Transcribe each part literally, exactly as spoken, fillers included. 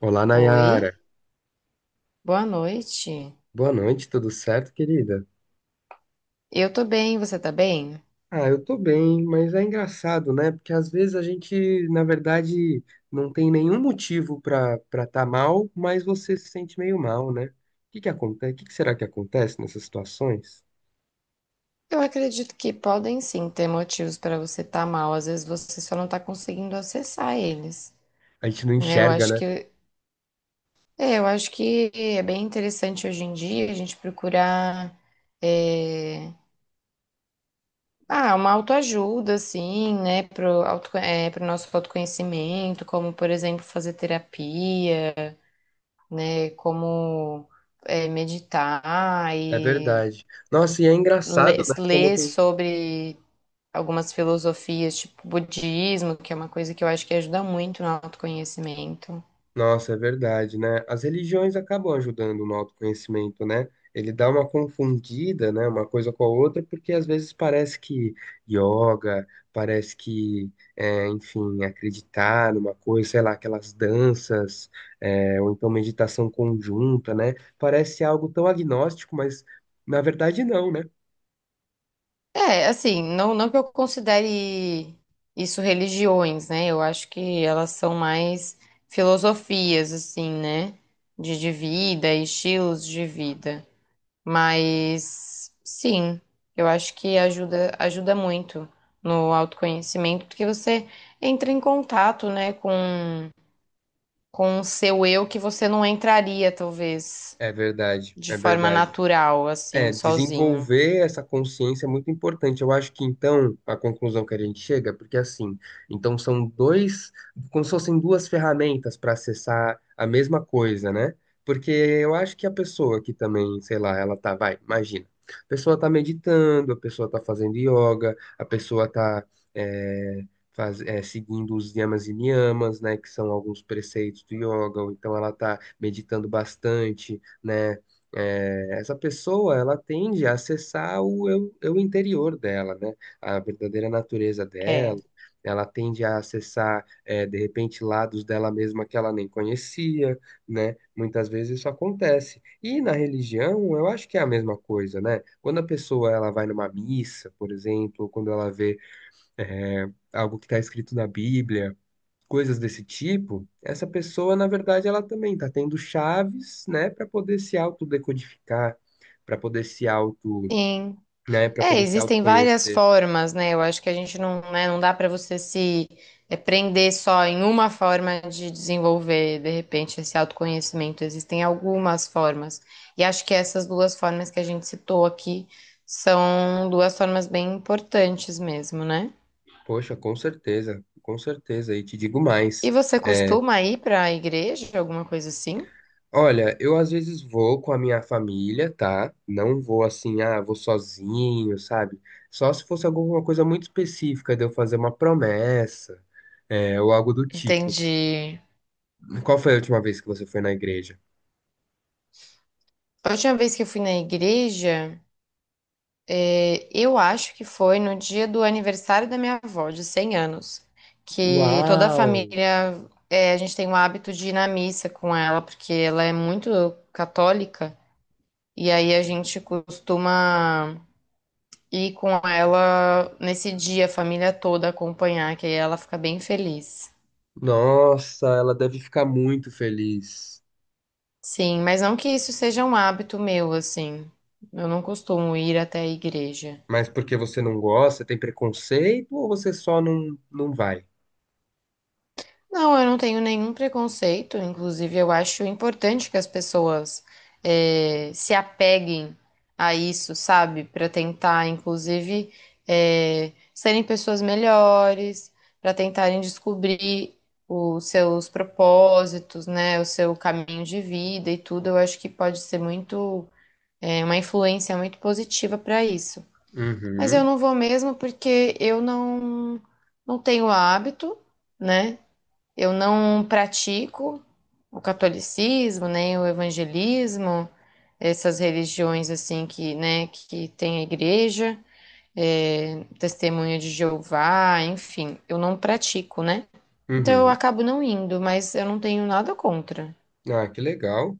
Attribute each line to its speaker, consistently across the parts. Speaker 1: Olá,
Speaker 2: Oi,
Speaker 1: Nayara.
Speaker 2: boa noite.
Speaker 1: Boa noite, tudo certo, querida?
Speaker 2: Eu tô bem, você tá bem?
Speaker 1: Ah, eu tô bem, mas é engraçado, né? Porque às vezes a gente, na verdade, não tem nenhum motivo pra para tá mal, mas você se sente meio mal, né? O que que acontece? O que que será que acontece nessas situações?
Speaker 2: Eu acredito que podem sim ter motivos para você estar mal, às vezes você só não tá conseguindo acessar eles,
Speaker 1: A gente não
Speaker 2: né? Eu
Speaker 1: enxerga,
Speaker 2: acho
Speaker 1: né?
Speaker 2: que é, eu acho que é bem interessante hoje em dia a gente procurar é, ah, uma autoajuda assim, né, pro auto, é, pro nosso autoconhecimento, como por exemplo fazer terapia, né, como é, meditar
Speaker 1: É
Speaker 2: e
Speaker 1: verdade. Nossa, e é
Speaker 2: ler,
Speaker 1: engraçado, né? Como
Speaker 2: ler
Speaker 1: tem
Speaker 2: sobre algumas filosofias, tipo budismo, que é uma coisa que eu acho que ajuda muito no autoconhecimento.
Speaker 1: Nossa, é verdade, né? As religiões acabam ajudando no autoconhecimento, né? Ele dá uma confundida, né? Uma coisa com a outra, porque às vezes parece que yoga, parece que, é, enfim, acreditar numa coisa, sei lá, aquelas danças, é, ou então meditação conjunta, né? Parece algo tão agnóstico, mas na verdade não, né?
Speaker 2: É, assim, não, não que eu considere isso religiões, né? Eu acho que elas são mais filosofias, assim, né? De, de vida, estilos de vida. Mas, sim, eu acho que ajuda, ajuda muito no autoconhecimento, porque você entra em contato, né, com com o seu eu que você não entraria, talvez,
Speaker 1: É verdade,
Speaker 2: de
Speaker 1: é
Speaker 2: forma
Speaker 1: verdade.
Speaker 2: natural, assim,
Speaker 1: É,
Speaker 2: sozinho.
Speaker 1: desenvolver essa consciência é muito importante. Eu acho que então a conclusão que a gente chega, porque assim, então são dois, como se fossem duas ferramentas para acessar a mesma coisa, né? Porque eu acho que a pessoa que também, sei lá, ela tá, vai, imagina, a pessoa tá meditando, a pessoa tá fazendo yoga, a pessoa tá é, faz- é, seguindo os yamas e niyamas, né, que são alguns preceitos do yoga, ou então ela tá meditando bastante, né. É, essa pessoa, ela tende a acessar o eu, eu interior dela, né? A verdadeira natureza
Speaker 2: É.
Speaker 1: dela. Ela tende a acessar, é, de repente, lados dela mesma que ela nem conhecia, né? Muitas vezes isso acontece. E na religião, eu acho que é a mesma coisa, né? Quando a pessoa ela vai numa missa, por exemplo, ou quando ela vê, é, algo que está escrito na Bíblia, coisas desse tipo, essa pessoa, na verdade, ela também está tendo chaves, né, para poder se autodecodificar, para poder se auto,
Speaker 2: Sim.
Speaker 1: né, para
Speaker 2: É,
Speaker 1: poder se
Speaker 2: existem várias
Speaker 1: autoconhecer.
Speaker 2: formas, né? Eu acho que a gente não, né, não dá para você se é, prender só em uma forma de desenvolver, de repente, esse autoconhecimento. Existem algumas formas. E acho que essas duas formas que a gente citou aqui são duas formas bem importantes mesmo, né?
Speaker 1: Poxa, com certeza, com certeza, e te digo
Speaker 2: E
Speaker 1: mais.
Speaker 2: você
Speaker 1: É,
Speaker 2: costuma ir para a igreja, alguma coisa assim?
Speaker 1: olha, eu às vezes vou com a minha família, tá? Não vou assim, ah, vou sozinho, sabe? Só se fosse alguma coisa muito específica de eu fazer uma promessa, é, ou algo do tipo.
Speaker 2: Entendi.
Speaker 1: Qual foi a última vez que você foi na igreja?
Speaker 2: A última vez que eu fui na igreja, eh, eu acho que foi no dia do aniversário da minha avó, de cem anos, que toda a
Speaker 1: Uau!
Speaker 2: família, eh, a gente tem o hábito de ir na missa com ela, porque ela é muito católica, e aí a gente costuma ir com ela nesse dia, a família toda acompanhar, que aí ela fica bem feliz.
Speaker 1: Nossa, ela deve ficar muito feliz.
Speaker 2: Sim, mas não que isso seja um hábito meu, assim. Eu não costumo ir até a igreja.
Speaker 1: Mas porque você não gosta, tem preconceito ou você só não, não vai?
Speaker 2: Não, eu não tenho nenhum preconceito. Inclusive, eu acho importante que as pessoas eh, se apeguem a isso, sabe? Para tentar, inclusive, eh, serem pessoas melhores, para tentarem descobrir os seus propósitos, né? O seu caminho de vida e tudo. Eu acho que pode ser muito, eh, uma influência muito positiva para isso. Mas eu
Speaker 1: Uhum,
Speaker 2: não vou mesmo porque eu não, não tenho hábito né? Eu não pratico o catolicismo, nem o evangelismo, essas religiões assim que, né, que tem a igreja, é, testemunha de Jeová, enfim, eu não pratico, né? Então eu
Speaker 1: uhum.
Speaker 2: acabo não indo, mas eu não tenho nada contra.
Speaker 1: Ah, que legal.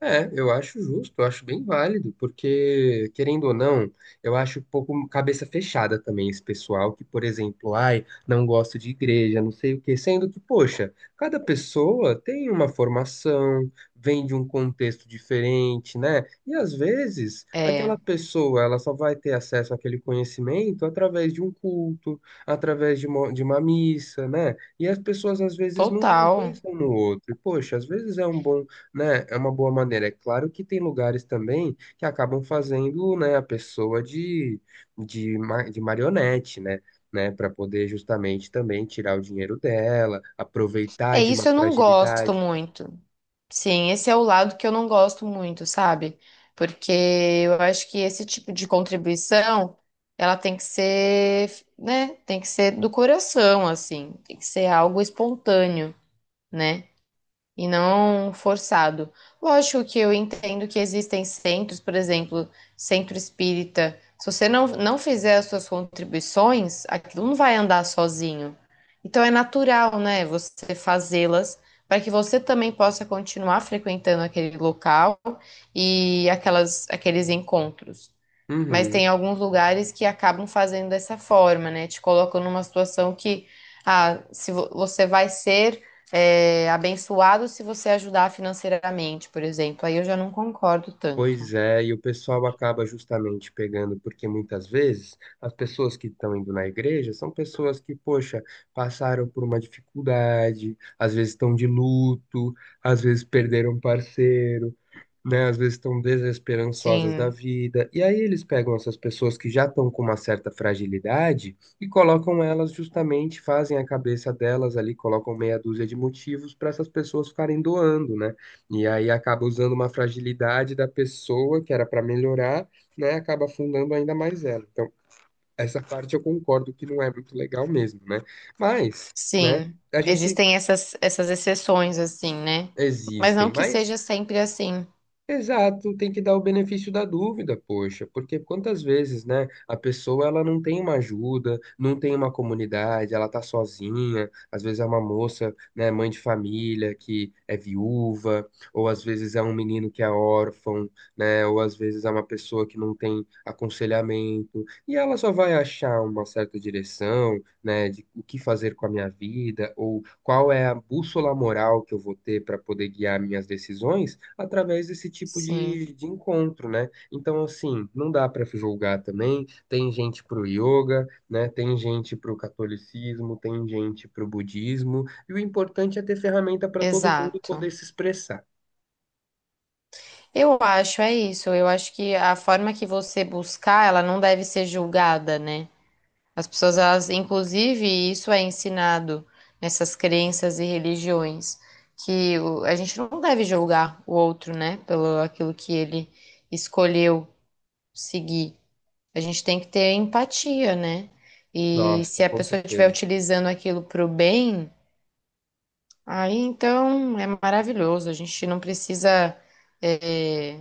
Speaker 1: É, eu acho justo, eu acho bem válido, porque, querendo ou não, eu acho um pouco cabeça fechada também esse pessoal que, por exemplo, ai, não gosto de igreja, não sei o quê, sendo que, poxa, cada pessoa tem uma formação, vem de um contexto diferente, né? E às vezes,
Speaker 2: É,
Speaker 1: aquela pessoa, ela só vai ter acesso àquele conhecimento através de um culto, através de uma, de uma missa, né? E as pessoas às vezes não
Speaker 2: total.
Speaker 1: pensam no outro. E, poxa, às vezes é um bom, né, é uma boa maneira. É claro que tem lugares também que acabam fazendo, né, a pessoa de, de, ma- de marionete, né, né, para poder justamente também tirar o dinheiro dela, aproveitar
Speaker 2: É
Speaker 1: de uma
Speaker 2: isso eu não gosto
Speaker 1: fragilidade.
Speaker 2: muito. Sim, esse é o lado que eu não gosto muito, sabe? Porque eu acho que esse tipo de contribuição, ela tem que ser, né? Tem que ser do coração, assim. Tem que ser algo espontâneo, né? E não forçado. Lógico que eu entendo que existem centros, por exemplo, centro espírita. Se você não, não fizer as suas contribuições, aquilo não vai andar sozinho. Então é natural, né, você fazê-las para que você também possa continuar frequentando aquele local e aquelas, aqueles encontros. Mas
Speaker 1: Uhum.
Speaker 2: tem alguns lugares que acabam fazendo dessa forma, né? Te colocam numa situação que, ah, se vo- você vai ser, é, abençoado se você ajudar financeiramente, por exemplo. Aí eu já não concordo
Speaker 1: Pois
Speaker 2: tanto.
Speaker 1: é, e o pessoal acaba justamente pegando, porque muitas vezes as pessoas que estão indo na igreja são pessoas que, poxa, passaram por uma dificuldade, às vezes estão de luto, às vezes perderam um parceiro, né? Às vezes estão desesperançosas da
Speaker 2: Sim,
Speaker 1: vida. E aí eles pegam essas pessoas que já estão com uma certa fragilidade e colocam elas justamente, fazem a cabeça delas ali, colocam meia dúzia de motivos para essas pessoas ficarem doando, né? E aí acaba usando uma fragilidade da pessoa que era para melhorar, né? Acaba afundando ainda mais ela. Então, essa parte eu concordo que não é muito legal mesmo, né? Mas, né?
Speaker 2: sim.
Speaker 1: A gente
Speaker 2: Existem essas, essas exceções, assim, né? Mas
Speaker 1: existem,
Speaker 2: não que
Speaker 1: mas
Speaker 2: seja sempre assim.
Speaker 1: exato, tem que dar o benefício da dúvida, poxa, porque quantas vezes, né, a pessoa ela não tem uma ajuda, não tem uma comunidade, ela tá sozinha, às vezes é uma moça, né, mãe de família que é viúva, ou às vezes é um menino que é órfão, né, ou às vezes é uma pessoa que não tem aconselhamento, e ela só vai achar uma certa direção, né, de o que fazer com a minha vida, ou qual é a bússola moral que eu vou ter para poder guiar minhas decisões através desse tipo
Speaker 2: Sim,
Speaker 1: de, de encontro, né? Então, assim, não dá para julgar também. Tem gente pro yoga, né? Tem gente pro catolicismo, tem gente pro budismo, e o importante é ter ferramenta para todo mundo poder
Speaker 2: exato.
Speaker 1: se expressar.
Speaker 2: Eu acho, é isso. Eu acho que a forma que você buscar, ela não deve ser julgada, né? As pessoas, elas, inclusive, isso é ensinado nessas crenças e religiões, que o- a gente não deve julgar o outro, né, pelo aquilo que ele escolheu seguir. A gente tem que ter empatia, né? E
Speaker 1: Nossa,
Speaker 2: se a
Speaker 1: com
Speaker 2: pessoa estiver
Speaker 1: certeza.
Speaker 2: utilizando aquilo para o bem, aí então é maravilhoso. A gente não precisa, eh,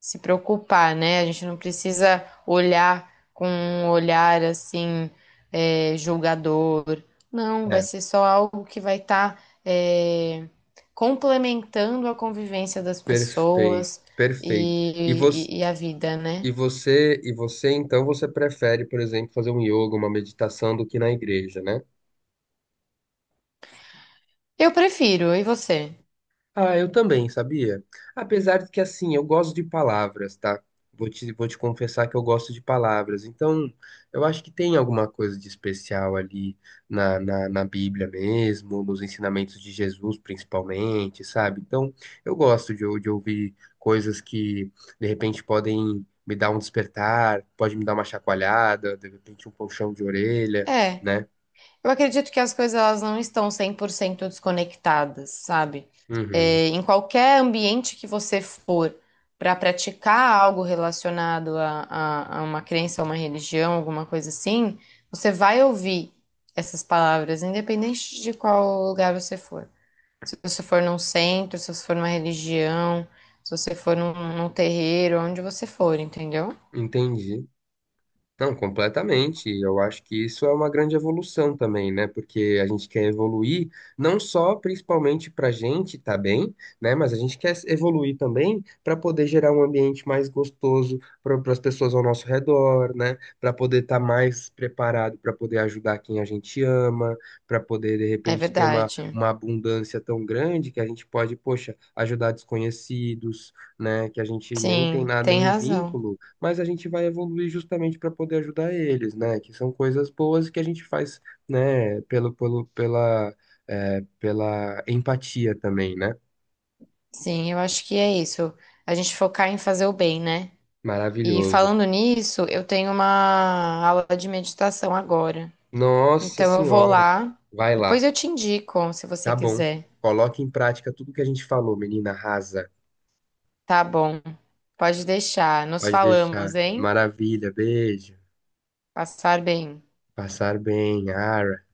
Speaker 2: se preocupar, né? A gente não precisa olhar com um olhar assim, é, julgador. Não, vai
Speaker 1: É,
Speaker 2: ser só algo que vai estar complementando a convivência das
Speaker 1: perfeito,
Speaker 2: pessoas
Speaker 1: perfeito. E
Speaker 2: e,
Speaker 1: você
Speaker 2: e- e a vida, né?
Speaker 1: e você, e você então você prefere, por exemplo, fazer um yoga, uma meditação do que na igreja, né?
Speaker 2: Eu prefiro, e você?
Speaker 1: Ah, eu também, sabia? Apesar de que, assim, eu gosto de palavras, tá? Vou te, vou te confessar que eu gosto de palavras. Então, eu acho que tem alguma coisa de especial ali na, na, na Bíblia mesmo, nos ensinamentos de Jesus, principalmente, sabe? Então, eu gosto de, ou- de ouvir coisas que, de repente, podem me dar um despertar, pode me dar uma chacoalhada, de repente, um puxão de orelha,
Speaker 2: É.
Speaker 1: né?
Speaker 2: Eu acredito que as coisas elas não estão cem por cento desconectadas, sabe?
Speaker 1: Uhum,
Speaker 2: É, em qualquer ambiente que você for para praticar algo relacionado a, a, a uma crença, a uma religião, alguma coisa assim, você vai ouvir essas palavras, independente de qual lugar você for. Se você for num centro, se você for numa religião, se você for num, num terreiro, onde você for, entendeu?
Speaker 1: entendi. Não, completamente. Eu acho que isso é uma grande evolução também, né? Porque a gente quer evoluir não só principalmente para a gente tá bem, né? Mas a gente quer evoluir também para poder gerar um ambiente mais gostoso para as pessoas ao nosso redor, né? Para poder estar mais preparado, para poder ajudar quem a gente ama, para poder de
Speaker 2: É
Speaker 1: repente ter uma,
Speaker 2: verdade.
Speaker 1: uma abundância tão grande que a gente pode, poxa, ajudar desconhecidos, né? Que a gente nem tem
Speaker 2: Sim,
Speaker 1: nada,
Speaker 2: tem
Speaker 1: nenhum
Speaker 2: razão.
Speaker 1: vínculo, mas a gente vai evoluir justamente para poder ajudar eles, né? Que são coisas boas que a gente faz, né? Pelo, pelo, pela, é, pela empatia também, né?
Speaker 2: Sim, eu acho que é isso. A gente focar em fazer o bem, né? E
Speaker 1: Maravilhoso.
Speaker 2: falando nisso, eu tenho uma aula de meditação agora.
Speaker 1: Nossa
Speaker 2: Então eu vou
Speaker 1: Senhora.
Speaker 2: lá.
Speaker 1: Vai
Speaker 2: Depois
Speaker 1: lá.
Speaker 2: eu te indico, se você
Speaker 1: Tá bom.
Speaker 2: quiser.
Speaker 1: Coloque em prática tudo que a gente falou, menina rasa.
Speaker 2: Tá bom. Pode deixar. Nos
Speaker 1: Pode deixar.
Speaker 2: falamos, hein?
Speaker 1: Maravilha. Beijo.
Speaker 2: Passar bem.
Speaker 1: Passar bem. Ara.